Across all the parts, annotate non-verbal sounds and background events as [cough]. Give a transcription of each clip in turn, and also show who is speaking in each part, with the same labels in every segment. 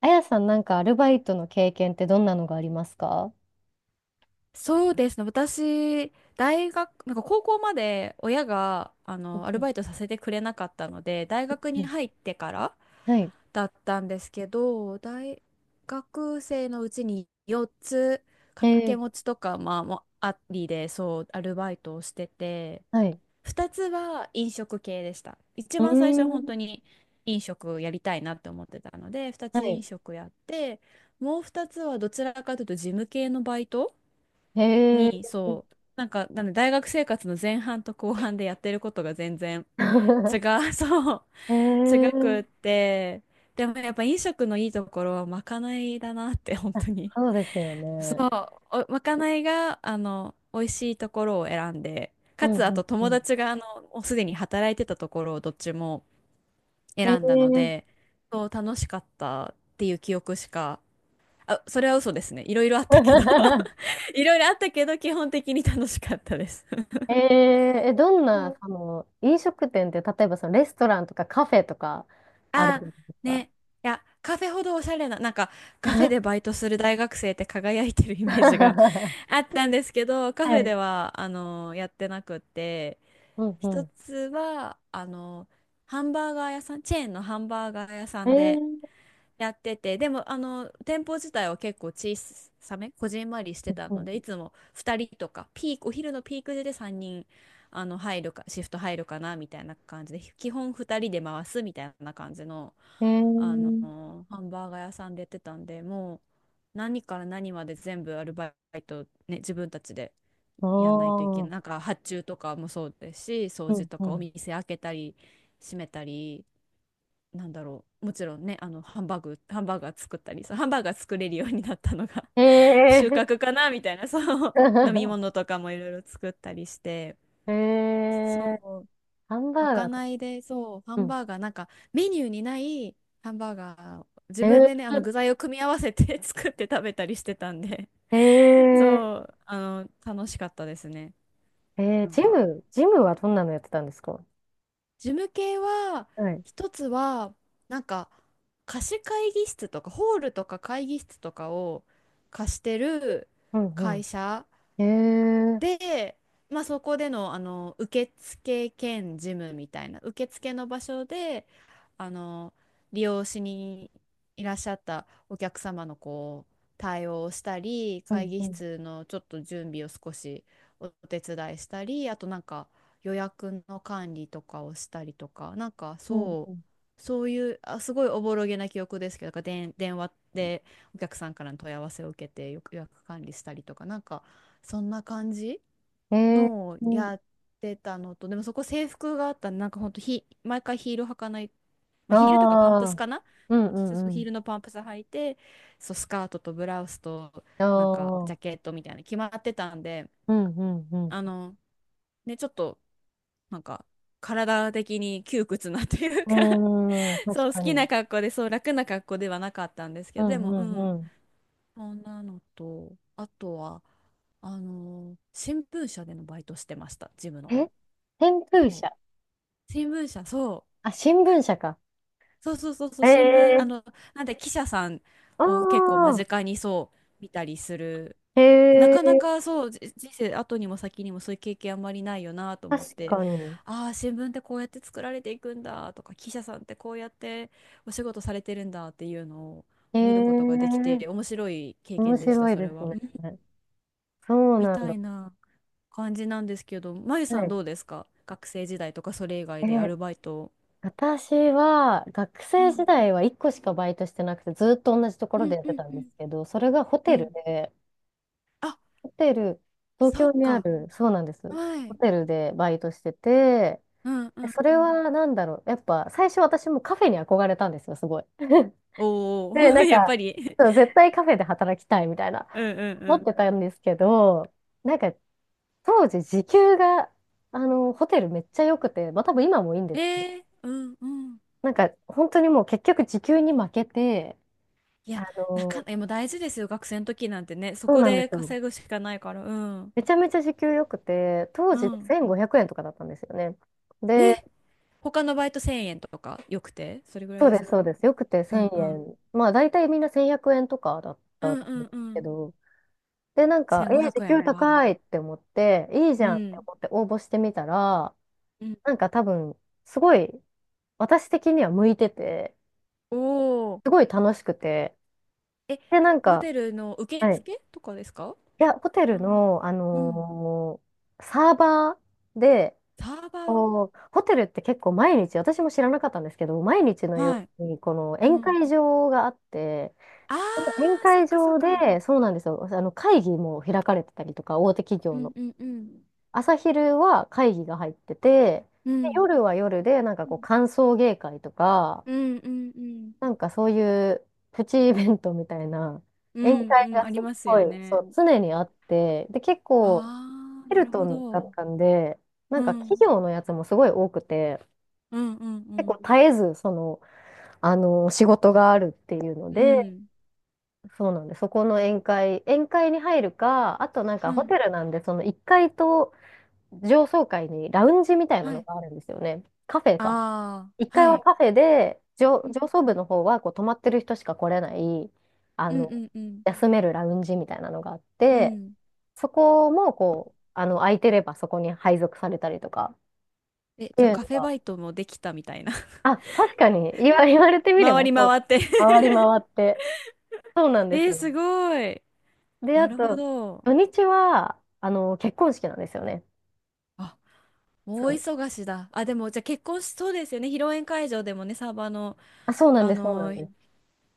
Speaker 1: あやさん、なんかアルバイトの経験ってどんなのがありますか？
Speaker 2: そうですね。私、大学、高校まで親が、
Speaker 1: うん
Speaker 2: アル
Speaker 1: う
Speaker 2: バイトさせてくれなかったので、大
Speaker 1: ん
Speaker 2: 学
Speaker 1: う
Speaker 2: に
Speaker 1: ん
Speaker 2: 入ってから
Speaker 1: はい。
Speaker 2: だったんですけど、大学生のうちに4つ
Speaker 1: え
Speaker 2: 掛け持
Speaker 1: ー、
Speaker 2: ちとか、もありで、アルバイトをしてて、
Speaker 1: はい。
Speaker 2: 2つは飲食系でした。一
Speaker 1: う
Speaker 2: 番最初は
Speaker 1: ー
Speaker 2: 本
Speaker 1: ん。
Speaker 2: 当に飲食やりたいなって思ってたので、2
Speaker 1: は
Speaker 2: つ飲
Speaker 1: い。
Speaker 2: 食やって、もう2つはどちらかというと事務系のバイト
Speaker 1: へ
Speaker 2: に、
Speaker 1: え。
Speaker 2: なんで大学生活の前半と後半でやってることが全然違
Speaker 1: [laughs]
Speaker 2: う、[laughs]
Speaker 1: へえ。
Speaker 2: 違くって、でもやっぱ飲食のいいところはまかないだなって、本
Speaker 1: あ、
Speaker 2: 当に。
Speaker 1: そうですよ
Speaker 2: そ
Speaker 1: ね。
Speaker 2: う、おまかないが、美味しいところを選んで、
Speaker 1: う
Speaker 2: か
Speaker 1: ん
Speaker 2: つ、あ
Speaker 1: う
Speaker 2: と
Speaker 1: んう
Speaker 2: 友
Speaker 1: ん。
Speaker 2: 達が、もうすでに働いてたところをどっちも
Speaker 1: へえ。
Speaker 2: 選んだので、そう、楽しかったっていう記憶しか、あ、それは嘘ですね。いろいろあったけど
Speaker 1: [laughs]
Speaker 2: [laughs] いろいろあったけど、基本的に楽しかったです。
Speaker 1: えー、どん
Speaker 2: そ
Speaker 1: な、
Speaker 2: う、
Speaker 1: その、飲食店って、例えばそのレストランとかカフェとかある
Speaker 2: あ
Speaker 1: んです
Speaker 2: ー、
Speaker 1: か？
Speaker 2: ね。いや、カフェほどおしゃれな、カフェでバイトする大学生って輝いてるイメージが [laughs] あったんですけど、
Speaker 1: [laughs]
Speaker 2: カフ
Speaker 1: は
Speaker 2: ェ
Speaker 1: い。
Speaker 2: では、やってなくって、
Speaker 1: うん
Speaker 2: 一
Speaker 1: う
Speaker 2: つは、ハンバーガー屋さん、チェーンのハンバーガー屋さ
Speaker 1: ん。
Speaker 2: んでやってて、でもあの店舗自体は結構小さめ、こじんまりして
Speaker 1: う
Speaker 2: たので、い
Speaker 1: ん
Speaker 2: つも2人とか、ピーク、お昼のピーク時で3人あの入るか、シフト入るかなみたいな感じで、基本2人で回すみたいな感じの、
Speaker 1: え
Speaker 2: あの
Speaker 1: ー、
Speaker 2: ハンバーガー屋さんでやってたんで、もう何から何まで全部アルバイト、ね、自分たちでやんないといけ
Speaker 1: お
Speaker 2: ない。
Speaker 1: ー。
Speaker 2: なんか発注とかもそうですし、掃
Speaker 1: う
Speaker 2: 除
Speaker 1: ん
Speaker 2: と
Speaker 1: う
Speaker 2: かお
Speaker 1: ん
Speaker 2: 店開けたり閉めたり、なんだろう。もちろんね、ハンバーガー作ったり、そうハンバーガー作れるようになったのが
Speaker 1: へ
Speaker 2: [laughs] 収穫
Speaker 1: え。
Speaker 2: かなみたいな、そう、飲み
Speaker 1: [laughs]
Speaker 2: 物とかもいろいろ作ったりして、
Speaker 1: へ
Speaker 2: そ
Speaker 1: え。
Speaker 2: う、
Speaker 1: ハンバ
Speaker 2: ま
Speaker 1: ーガ
Speaker 2: か
Speaker 1: ーと。
Speaker 2: ないで、そう、ハ
Speaker 1: う
Speaker 2: ン
Speaker 1: ん。
Speaker 2: バーガー、なんかメニューにないハンバーガーを自
Speaker 1: へ
Speaker 2: 分でね、
Speaker 1: え。
Speaker 2: あの具材を組み合わせて [laughs] 作って食べたりしてたんで、
Speaker 1: へえ。
Speaker 2: そう、あの、楽しかったですね。なん
Speaker 1: ジ
Speaker 2: か。
Speaker 1: ム、ジムはどんなのやってたんですか？
Speaker 2: 事務系は、
Speaker 1: はい。
Speaker 2: 一つは、なんか、貸し会議室とか、ホールとか会議室とかを貸してる
Speaker 1: うん
Speaker 2: 会
Speaker 1: う
Speaker 2: 社
Speaker 1: ん。へえ。
Speaker 2: で、まあ、そこでの、あの受付兼事務みたいな受付の場所であの利用しにいらっしゃったお客様のこう対応をしたり、
Speaker 1: う
Speaker 2: 会
Speaker 1: ん
Speaker 2: 議
Speaker 1: うん。
Speaker 2: 室のちょっと準備を少しお手伝いしたり、あとなんか予約の管理とかをしたりとか、なんか
Speaker 1: うんう
Speaker 2: そ
Speaker 1: ん。
Speaker 2: うそういうあすごいおぼろげな記憶ですけど、なんか電話でお客さんからの問い合わせを受けて予約管理したりとか、なんかそんな感じ
Speaker 1: へえ。
Speaker 2: のを
Speaker 1: うん。
Speaker 2: やってたのと、でもそこ制服があったんで、なんかほんとヒ、毎回ヒール履かない、ま
Speaker 1: あ
Speaker 2: あ、ヒールとかパンプス
Speaker 1: あ。
Speaker 2: かな、
Speaker 1: うんう
Speaker 2: そ
Speaker 1: ん
Speaker 2: う
Speaker 1: う
Speaker 2: ヒー
Speaker 1: ん。
Speaker 2: ルのパンプス履いて、そう、スカートとブラウスと、
Speaker 1: あ
Speaker 2: なんかジャ
Speaker 1: あ。
Speaker 2: ケットみたいな決まってたんで、
Speaker 1: うんうんうん。
Speaker 2: あの、ね、ちょっと、なんか、体的に窮屈なという
Speaker 1: う
Speaker 2: か
Speaker 1: ーん、
Speaker 2: [laughs]
Speaker 1: 確
Speaker 2: そう、好
Speaker 1: か
Speaker 2: きな
Speaker 1: に。
Speaker 2: 格好で、そう、楽な格好ではなかったんですけ
Speaker 1: う
Speaker 2: ど、で
Speaker 1: ん
Speaker 2: も、
Speaker 1: う
Speaker 2: う
Speaker 1: ん
Speaker 2: ん、
Speaker 1: うん。
Speaker 2: そんなのと、あとは、あの新聞社でのバイトしてました、ジムの。
Speaker 1: え天空
Speaker 2: そう、
Speaker 1: 社。
Speaker 2: 新聞社、そう。
Speaker 1: あ、新聞社か。
Speaker 2: そう、
Speaker 1: え
Speaker 2: 新聞、
Speaker 1: え、
Speaker 2: なんで記者さん
Speaker 1: あ
Speaker 2: を結構間
Speaker 1: あ、
Speaker 2: 近にそう見たりする。
Speaker 1: へ
Speaker 2: なかな
Speaker 1: え、
Speaker 2: かそう、じ人生後にも先にもそういう経験あんまりないよなと思っ
Speaker 1: 確
Speaker 2: て、
Speaker 1: かに。
Speaker 2: ああー、新聞ってこうやって作られていくんだとか、記者さんってこうやってお仕事されてるんだっていうのを見ることがで
Speaker 1: え
Speaker 2: き
Speaker 1: え、
Speaker 2: て、面白い経
Speaker 1: 面
Speaker 2: 験でした、
Speaker 1: 白い
Speaker 2: そ
Speaker 1: で
Speaker 2: れ
Speaker 1: す
Speaker 2: は。う
Speaker 1: ね。
Speaker 2: ん、
Speaker 1: そう
Speaker 2: み
Speaker 1: なん
Speaker 2: た
Speaker 1: だ。
Speaker 2: いな感じなんですけど、まゆさ
Speaker 1: は
Speaker 2: ん
Speaker 1: い。
Speaker 2: どうですか、学生時代とかそれ以外でア
Speaker 1: え、
Speaker 2: ルバイトを。
Speaker 1: 私は学
Speaker 2: う
Speaker 1: 生
Speaker 2: ん
Speaker 1: 時代は1個しかバイトしてなくて、ずっと同じとこ
Speaker 2: う
Speaker 1: ろで
Speaker 2: ん
Speaker 1: やっ
Speaker 2: う
Speaker 1: て
Speaker 2: ん
Speaker 1: たん
Speaker 2: う
Speaker 1: で
Speaker 2: ん
Speaker 1: すけど、それがホ
Speaker 2: う
Speaker 1: テ
Speaker 2: ん
Speaker 1: ルで、
Speaker 2: あ、
Speaker 1: ホテル、東
Speaker 2: そ
Speaker 1: 京
Speaker 2: っ
Speaker 1: にあ
Speaker 2: か。
Speaker 1: る、そうなんです。
Speaker 2: は
Speaker 1: ホ
Speaker 2: い。
Speaker 1: テルでバイトしてて、
Speaker 2: うんうん
Speaker 1: そ
Speaker 2: う
Speaker 1: れ
Speaker 2: ん。
Speaker 1: はなんだろう。やっぱ最初私もカフェに憧れたんですよ、すごい。[laughs]
Speaker 2: おお、
Speaker 1: で、な
Speaker 2: [laughs]
Speaker 1: ん
Speaker 2: やっ
Speaker 1: か、
Speaker 2: ぱり。
Speaker 1: そう、
Speaker 2: [laughs]
Speaker 1: 絶対カフェで働きたいみたいな、
Speaker 2: うんうんう
Speaker 1: 思っ
Speaker 2: ん。
Speaker 1: てたんですけど、なんか当時時給が、ホテルめっちゃ良くて、まあ多分今もいいんで
Speaker 2: え
Speaker 1: すけど、
Speaker 2: ー、うんうん。
Speaker 1: なんか本当にもう結局時給に負けて、
Speaker 2: い
Speaker 1: あ
Speaker 2: や、なか、
Speaker 1: の、
Speaker 2: え、もう大事ですよ。学生の時なんてね。そ
Speaker 1: そう
Speaker 2: こ
Speaker 1: なんで
Speaker 2: で
Speaker 1: すよ。
Speaker 2: 稼ぐしかないから。うん。
Speaker 1: めちゃめちゃ時給良くて、当
Speaker 2: う
Speaker 1: 時で
Speaker 2: ん。
Speaker 1: 1500円とかだったんですよね。で、
Speaker 2: え、他のバイト1000円とかよくてそれぐらい
Speaker 1: そう
Speaker 2: で
Speaker 1: で
Speaker 2: す
Speaker 1: す、そ
Speaker 2: か？
Speaker 1: うです。よくて
Speaker 2: うん
Speaker 1: 1000
Speaker 2: うん。
Speaker 1: 円。まあ大体みんな1100円とかだっ
Speaker 2: う
Speaker 1: た
Speaker 2: ん
Speaker 1: と
Speaker 2: う
Speaker 1: 思うん
Speaker 2: ん
Speaker 1: です
Speaker 2: う
Speaker 1: け
Speaker 2: ん。
Speaker 1: ど、で、なんか、
Speaker 2: 1500
Speaker 1: 時給
Speaker 2: 円は。
Speaker 1: 高いって思って、いいじ
Speaker 2: う
Speaker 1: ゃんって
Speaker 2: ん。
Speaker 1: 思って応募してみたら、
Speaker 2: うん。
Speaker 1: なんか多分、すごい、私的には向いてて、
Speaker 2: おお。
Speaker 1: すごい楽しくて、
Speaker 2: え、
Speaker 1: で、なん
Speaker 2: ホ
Speaker 1: か、
Speaker 2: テルの受
Speaker 1: はい。
Speaker 2: 付とかですか？
Speaker 1: いや、ホテル
Speaker 2: な、
Speaker 1: の、
Speaker 2: うん。
Speaker 1: サーバーで、
Speaker 2: サーバー。
Speaker 1: こうホテルって結構毎日、私も知らなかったんですけど、毎日の
Speaker 2: は
Speaker 1: よ
Speaker 2: い。
Speaker 1: うに、この
Speaker 2: う
Speaker 1: 宴
Speaker 2: ん、
Speaker 1: 会場があって、
Speaker 2: あ
Speaker 1: 宴
Speaker 2: あ、そっ
Speaker 1: 会
Speaker 2: かそっ
Speaker 1: 場
Speaker 2: か。
Speaker 1: で、そうなんですよ、あの会議も開かれてたりとか、大手企
Speaker 2: う
Speaker 1: 業
Speaker 2: ん
Speaker 1: の。
Speaker 2: うんうん。
Speaker 1: 朝昼は会議が入ってて、
Speaker 2: う
Speaker 1: で
Speaker 2: ん。
Speaker 1: 夜は夜で、なんか
Speaker 2: う
Speaker 1: こう、歓送迎会とか、
Speaker 2: んうんうん。
Speaker 1: なんかそういうプチイベントみたいな
Speaker 2: う
Speaker 1: 宴
Speaker 2: ん
Speaker 1: 会
Speaker 2: うん、
Speaker 1: が
Speaker 2: あ
Speaker 1: す
Speaker 2: り
Speaker 1: っ
Speaker 2: ます
Speaker 1: ご
Speaker 2: よ
Speaker 1: い、そ
Speaker 2: ね。
Speaker 1: う、常にあって、で、結構
Speaker 2: ああ、
Speaker 1: ヘ
Speaker 2: な
Speaker 1: ル
Speaker 2: る
Speaker 1: ト
Speaker 2: ほ
Speaker 1: ンだっ
Speaker 2: ど。
Speaker 1: たんで、
Speaker 2: う
Speaker 1: なんか企
Speaker 2: ん。
Speaker 1: 業のやつもすごい多くて、
Speaker 2: うんうんう
Speaker 1: 結構
Speaker 2: ん。
Speaker 1: 絶えず、その、仕事があるっていうの
Speaker 2: う
Speaker 1: で、
Speaker 2: ん。
Speaker 1: そうなんで、そこの宴会に入るか、あとなん
Speaker 2: う
Speaker 1: かホ
Speaker 2: ん。
Speaker 1: テルなんで、その1階と上層階にラウンジみたいな
Speaker 2: は
Speaker 1: の
Speaker 2: い。
Speaker 1: があるんですよね。カフェか。
Speaker 2: あ
Speaker 1: 一
Speaker 2: あ、
Speaker 1: 階
Speaker 2: は
Speaker 1: は
Speaker 2: い。
Speaker 1: カフェで、上、
Speaker 2: うん
Speaker 1: 上層部の方はこう泊まってる人しか来れない、あ
Speaker 2: うんう
Speaker 1: の、
Speaker 2: んうん。
Speaker 1: 休めるラウンジみたいなのがあっ
Speaker 2: う
Speaker 1: て、
Speaker 2: ん。
Speaker 1: そこもこう、空いてればそこに配属されたりとか
Speaker 2: え、
Speaker 1: って
Speaker 2: じゃ
Speaker 1: い
Speaker 2: あ
Speaker 1: う
Speaker 2: カ
Speaker 1: の
Speaker 2: フェバ
Speaker 1: が、
Speaker 2: イトもできたみたいな。[laughs]
Speaker 1: あ、確かに言われてみれ
Speaker 2: 回
Speaker 1: ば
Speaker 2: り
Speaker 1: そう、
Speaker 2: 回って。
Speaker 1: 回り回って。そうなん
Speaker 2: [laughs]
Speaker 1: です
Speaker 2: えー、す
Speaker 1: よ。
Speaker 2: ごい。
Speaker 1: で、あ
Speaker 2: なるほ
Speaker 1: と、
Speaker 2: ど。
Speaker 1: 土日は、結婚式なんですよね。
Speaker 2: あ、大
Speaker 1: そう。
Speaker 2: 忙しだ。あ、でも、じゃあ結婚しそうですよね。披露宴会場でもね、サーバーの、
Speaker 1: あ、そうなん
Speaker 2: あ
Speaker 1: です、そうな
Speaker 2: の
Speaker 1: ん
Speaker 2: ー
Speaker 1: です。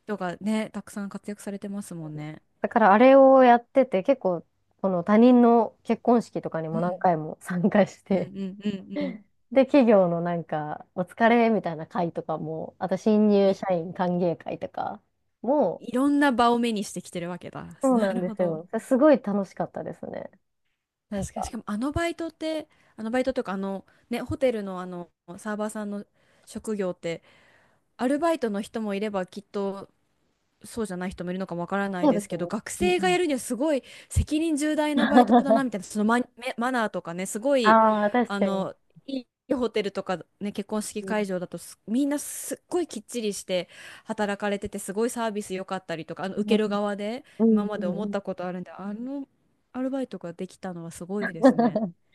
Speaker 2: 人がね、たくさん活躍されてますもんね。
Speaker 1: だからあれをやってて、結構、この他人の結婚式とかに
Speaker 2: う
Speaker 1: も何
Speaker 2: ん。
Speaker 1: 回も参加し
Speaker 2: うん
Speaker 1: て、
Speaker 2: うんうんうん。
Speaker 1: [laughs] で、企業のなんか、お疲れみたいな会とかも、あと新入
Speaker 2: い、
Speaker 1: 社員歓迎会とかも、
Speaker 2: いろんな場を目にしてきてるわけだ。[laughs]
Speaker 1: そう
Speaker 2: な
Speaker 1: な
Speaker 2: る
Speaker 1: んで
Speaker 2: ほ
Speaker 1: す
Speaker 2: ど。
Speaker 1: よ。すごい楽しかったですね。なん
Speaker 2: 確かに、し
Speaker 1: か、
Speaker 2: かもあのバイトって、あのバイトというか、あの、ね、ホテルのあの、サーバーさんの職業って、アルバイトの人もいれば、きっとそうじゃない人もいるのかもわからな
Speaker 1: そ
Speaker 2: い
Speaker 1: う
Speaker 2: で
Speaker 1: で
Speaker 2: す
Speaker 1: す
Speaker 2: けど、
Speaker 1: ね。
Speaker 2: 学
Speaker 1: うんう
Speaker 2: 生が
Speaker 1: ん。
Speaker 2: やるにはすごい責任重大なバイトだな
Speaker 1: [laughs]
Speaker 2: みたいな、そのマ、マナーとかね、すごい、
Speaker 1: ああ、確
Speaker 2: あ
Speaker 1: かに。
Speaker 2: の、いいホテルとかね、結婚式
Speaker 1: う
Speaker 2: 会
Speaker 1: ん
Speaker 2: 場だとすみんなすっごいきっちりして働かれてて、すごいサービス良かったりとか、あの、
Speaker 1: う
Speaker 2: 受
Speaker 1: ん
Speaker 2: ける側で
Speaker 1: うん
Speaker 2: 今ま
Speaker 1: う
Speaker 2: で
Speaker 1: ん
Speaker 2: 思っ
Speaker 1: うん
Speaker 2: たことあるんで、あのアルバイトができたのはすごいですね。
Speaker 1: [laughs]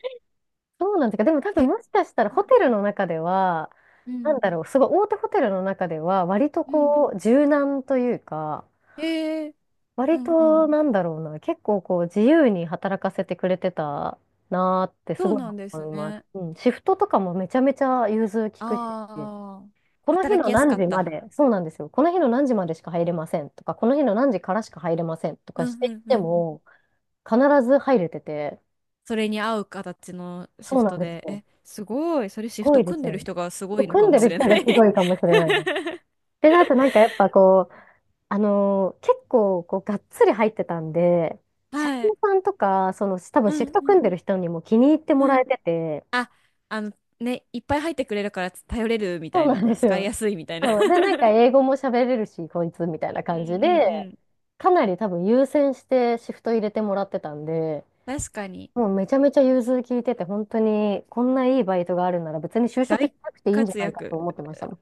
Speaker 1: そうなんですか。でも多分
Speaker 2: け、
Speaker 1: もしかしたらホテルの中では、
Speaker 2: う
Speaker 1: なん
Speaker 2: ん、
Speaker 1: だろう、すごい大手ホテルの中では、割と
Speaker 2: うん、
Speaker 1: こう、柔軟というか、
Speaker 2: ええ、う
Speaker 1: 割
Speaker 2: ん、う
Speaker 1: と
Speaker 2: ん。
Speaker 1: なんだろうな、結構こう、自由に働かせてくれてたなーってす
Speaker 2: そう
Speaker 1: ごい
Speaker 2: なんです
Speaker 1: 思います。
Speaker 2: ね。
Speaker 1: うん、シフトとかもめちゃめちゃ融通きくし、
Speaker 2: ああ、
Speaker 1: この日
Speaker 2: 働
Speaker 1: の
Speaker 2: きやす
Speaker 1: 何
Speaker 2: かっ
Speaker 1: 時ま
Speaker 2: た。
Speaker 1: で、そうなんですよ。この日の何時までしか入れませんとか、この日の何時からしか入れませんと
Speaker 2: う
Speaker 1: かし
Speaker 2: ん
Speaker 1: て
Speaker 2: う
Speaker 1: いっ
Speaker 2: んう
Speaker 1: て
Speaker 2: んうん。
Speaker 1: も、必ず入れてて、
Speaker 2: それに合う形のシ
Speaker 1: そう
Speaker 2: フ
Speaker 1: なん
Speaker 2: ト
Speaker 1: です
Speaker 2: で、
Speaker 1: よ。
Speaker 2: え、すごい。それシフ
Speaker 1: ご
Speaker 2: ト
Speaker 1: いで
Speaker 2: 組ん
Speaker 1: す
Speaker 2: で
Speaker 1: よ
Speaker 2: る
Speaker 1: ね。
Speaker 2: 人がすごいのか
Speaker 1: 組ん
Speaker 2: も
Speaker 1: で
Speaker 2: し
Speaker 1: る
Speaker 2: れ
Speaker 1: 人
Speaker 2: な
Speaker 1: がす
Speaker 2: い。
Speaker 1: ごいかもしれないです。で、あとなんかやっぱこう、結構こうがっつり入ってたんで、
Speaker 2: [laughs]
Speaker 1: 社員
Speaker 2: はい。
Speaker 1: さんとか、その多
Speaker 2: う
Speaker 1: 分シ
Speaker 2: ん
Speaker 1: フト
Speaker 2: うん
Speaker 1: 組んでる人にも気に入っても
Speaker 2: う
Speaker 1: ら
Speaker 2: ん。
Speaker 1: えてて、
Speaker 2: あ、あのね、いっぱい入ってくれるから頼れるみた
Speaker 1: そう
Speaker 2: い
Speaker 1: なん
Speaker 2: な、
Speaker 1: です
Speaker 2: 使い
Speaker 1: よ。
Speaker 2: やすいみたいな。
Speaker 1: そう。で、なんか
Speaker 2: [laughs]
Speaker 1: 英語も喋れるし、こいつみたいな
Speaker 2: うんうん
Speaker 1: 感じ
Speaker 2: う
Speaker 1: で、
Speaker 2: ん。
Speaker 1: かなり多分優先してシフト入れてもらってたんで、
Speaker 2: 確かに。
Speaker 1: もうめちゃめちゃ融通聞いてて、本当にこんないいバイトがあるなら別に就職
Speaker 2: 大
Speaker 1: しなくていいんじゃ
Speaker 2: 活
Speaker 1: ないかと思っ
Speaker 2: 躍。
Speaker 1: てましたもん。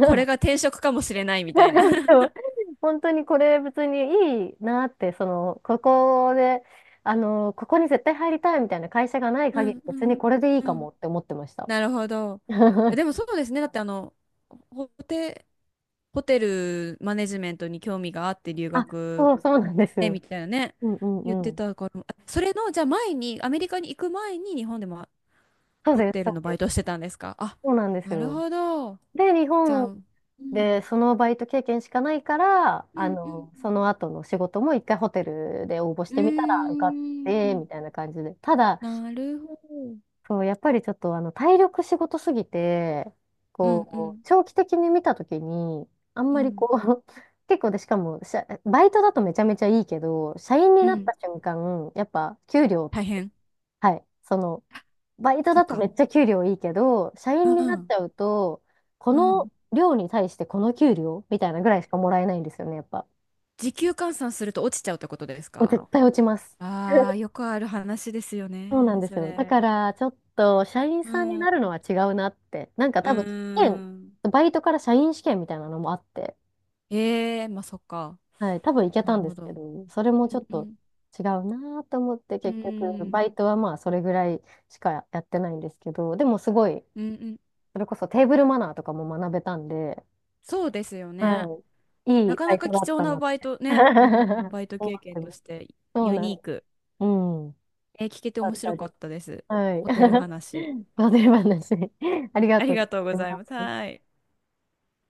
Speaker 2: これが 転職かもしれないみたいな。
Speaker 1: でも、
Speaker 2: [laughs]
Speaker 1: [laughs] 本当にこれ別にいいなって、その、ここで、ここに絶対入りたいみたいな会社がない
Speaker 2: う
Speaker 1: 限
Speaker 2: ん
Speaker 1: り、
Speaker 2: う
Speaker 1: 別
Speaker 2: ん
Speaker 1: にこれでいい
Speaker 2: う
Speaker 1: か
Speaker 2: ん、
Speaker 1: もって思ってました。
Speaker 2: なるほど。え、
Speaker 1: [laughs]
Speaker 2: でもそうですね。だってあの、ホテ、ホテルマネジメントに興味があって留
Speaker 1: あ、
Speaker 2: 学
Speaker 1: そう、そうなんです
Speaker 2: ね、
Speaker 1: よ。
Speaker 2: みたいなね、
Speaker 1: うんう
Speaker 2: 言っ
Speaker 1: んう
Speaker 2: て
Speaker 1: ん。
Speaker 2: たから、あそれの、じゃあ前に、アメリカに行く前に日本でも
Speaker 1: そう
Speaker 2: ホ
Speaker 1: です、
Speaker 2: テ
Speaker 1: そ
Speaker 2: ル
Speaker 1: う
Speaker 2: のバ
Speaker 1: で
Speaker 2: イト
Speaker 1: す。
Speaker 2: してたんですかあ、
Speaker 1: そうなんです
Speaker 2: なる
Speaker 1: よ。
Speaker 2: ほど。
Speaker 1: で、日
Speaker 2: じゃ
Speaker 1: 本
Speaker 2: あ、うん、
Speaker 1: でそのバイト経験しかないから、
Speaker 2: うんうん
Speaker 1: その後の仕事も一回ホテルで応募し
Speaker 2: う
Speaker 1: てみたら受かっ
Speaker 2: ん。うー
Speaker 1: て、
Speaker 2: ん、
Speaker 1: みたいな感じで。ただ、
Speaker 2: なるほど。
Speaker 1: そう、やっぱりちょっと体力仕事すぎて、
Speaker 2: うんう
Speaker 1: こう、
Speaker 2: ん
Speaker 1: 長期的に見たときに、あん
Speaker 2: う
Speaker 1: まりこ
Speaker 2: ん
Speaker 1: う、[laughs] 結構で、しかも、社バイトだとめちゃめちゃいいけど、社員に
Speaker 2: う
Speaker 1: なった
Speaker 2: ん。
Speaker 1: 瞬間、やっぱ給料、
Speaker 2: 大変。
Speaker 1: はい、その、
Speaker 2: あ、
Speaker 1: バイト
Speaker 2: そ
Speaker 1: だ
Speaker 2: っ
Speaker 1: とめ
Speaker 2: か。
Speaker 1: っちゃ給料いいけど、社
Speaker 2: う
Speaker 1: 員
Speaker 2: ん
Speaker 1: に
Speaker 2: う
Speaker 1: なっち
Speaker 2: ん
Speaker 1: ゃうと、こ
Speaker 2: うん。
Speaker 1: の量に対してこの給料みたいなぐらいしかもらえないんですよね、やっぱ。
Speaker 2: 時給換算すると落ちちゃうってことですか？
Speaker 1: 絶対落ちます。
Speaker 2: ああー、よくある話ですよ
Speaker 1: そうな
Speaker 2: ね、
Speaker 1: んで
Speaker 2: そ
Speaker 1: すよ。だ
Speaker 2: れ。
Speaker 1: ね。から、ちょっと、社員
Speaker 2: う
Speaker 1: さんに
Speaker 2: ん。う
Speaker 1: なるのは違うなって。なんか
Speaker 2: ー
Speaker 1: 多分、試験、
Speaker 2: ん。
Speaker 1: バイトから社員試験みたいなのもあって、
Speaker 2: ええまあそっか。
Speaker 1: はい、多分行け
Speaker 2: な
Speaker 1: た
Speaker 2: る
Speaker 1: んで
Speaker 2: ほ
Speaker 1: すけ
Speaker 2: ど。
Speaker 1: ど、それもちょっ
Speaker 2: う
Speaker 1: と
Speaker 2: ん
Speaker 1: 違うなと思って、
Speaker 2: うん、う
Speaker 1: 結局、バ
Speaker 2: ん、
Speaker 1: イトはまあ、それぐらいしかやってないんですけど、でもすごい、
Speaker 2: うんうん、
Speaker 1: それこそテーブルマナーとかも学べたんで、
Speaker 2: そうですよね。
Speaker 1: はい、い
Speaker 2: な
Speaker 1: い
Speaker 2: か
Speaker 1: バ
Speaker 2: な
Speaker 1: イ
Speaker 2: か
Speaker 1: トだ
Speaker 2: 貴
Speaker 1: っ
Speaker 2: 重
Speaker 1: た
Speaker 2: な
Speaker 1: なって
Speaker 2: バイトね、うん、
Speaker 1: [laughs]
Speaker 2: バイト
Speaker 1: 思
Speaker 2: 経
Speaker 1: っ
Speaker 2: 験
Speaker 1: てま
Speaker 2: と
Speaker 1: す。
Speaker 2: して
Speaker 1: そう
Speaker 2: ユ
Speaker 1: なん
Speaker 2: ニー
Speaker 1: です。
Speaker 2: ク。
Speaker 1: うん。
Speaker 2: えー聞けて
Speaker 1: だ
Speaker 2: 面
Speaker 1: っ
Speaker 2: 白
Speaker 1: たり
Speaker 2: かったです。
Speaker 1: はい。
Speaker 2: ホテル話。
Speaker 1: [laughs] 忘れ話。ありが
Speaker 2: あ
Speaker 1: と
Speaker 2: り
Speaker 1: う
Speaker 2: がとうご
Speaker 1: ござい
Speaker 2: ざい
Speaker 1: ま
Speaker 2: ます。は
Speaker 1: す。
Speaker 2: い。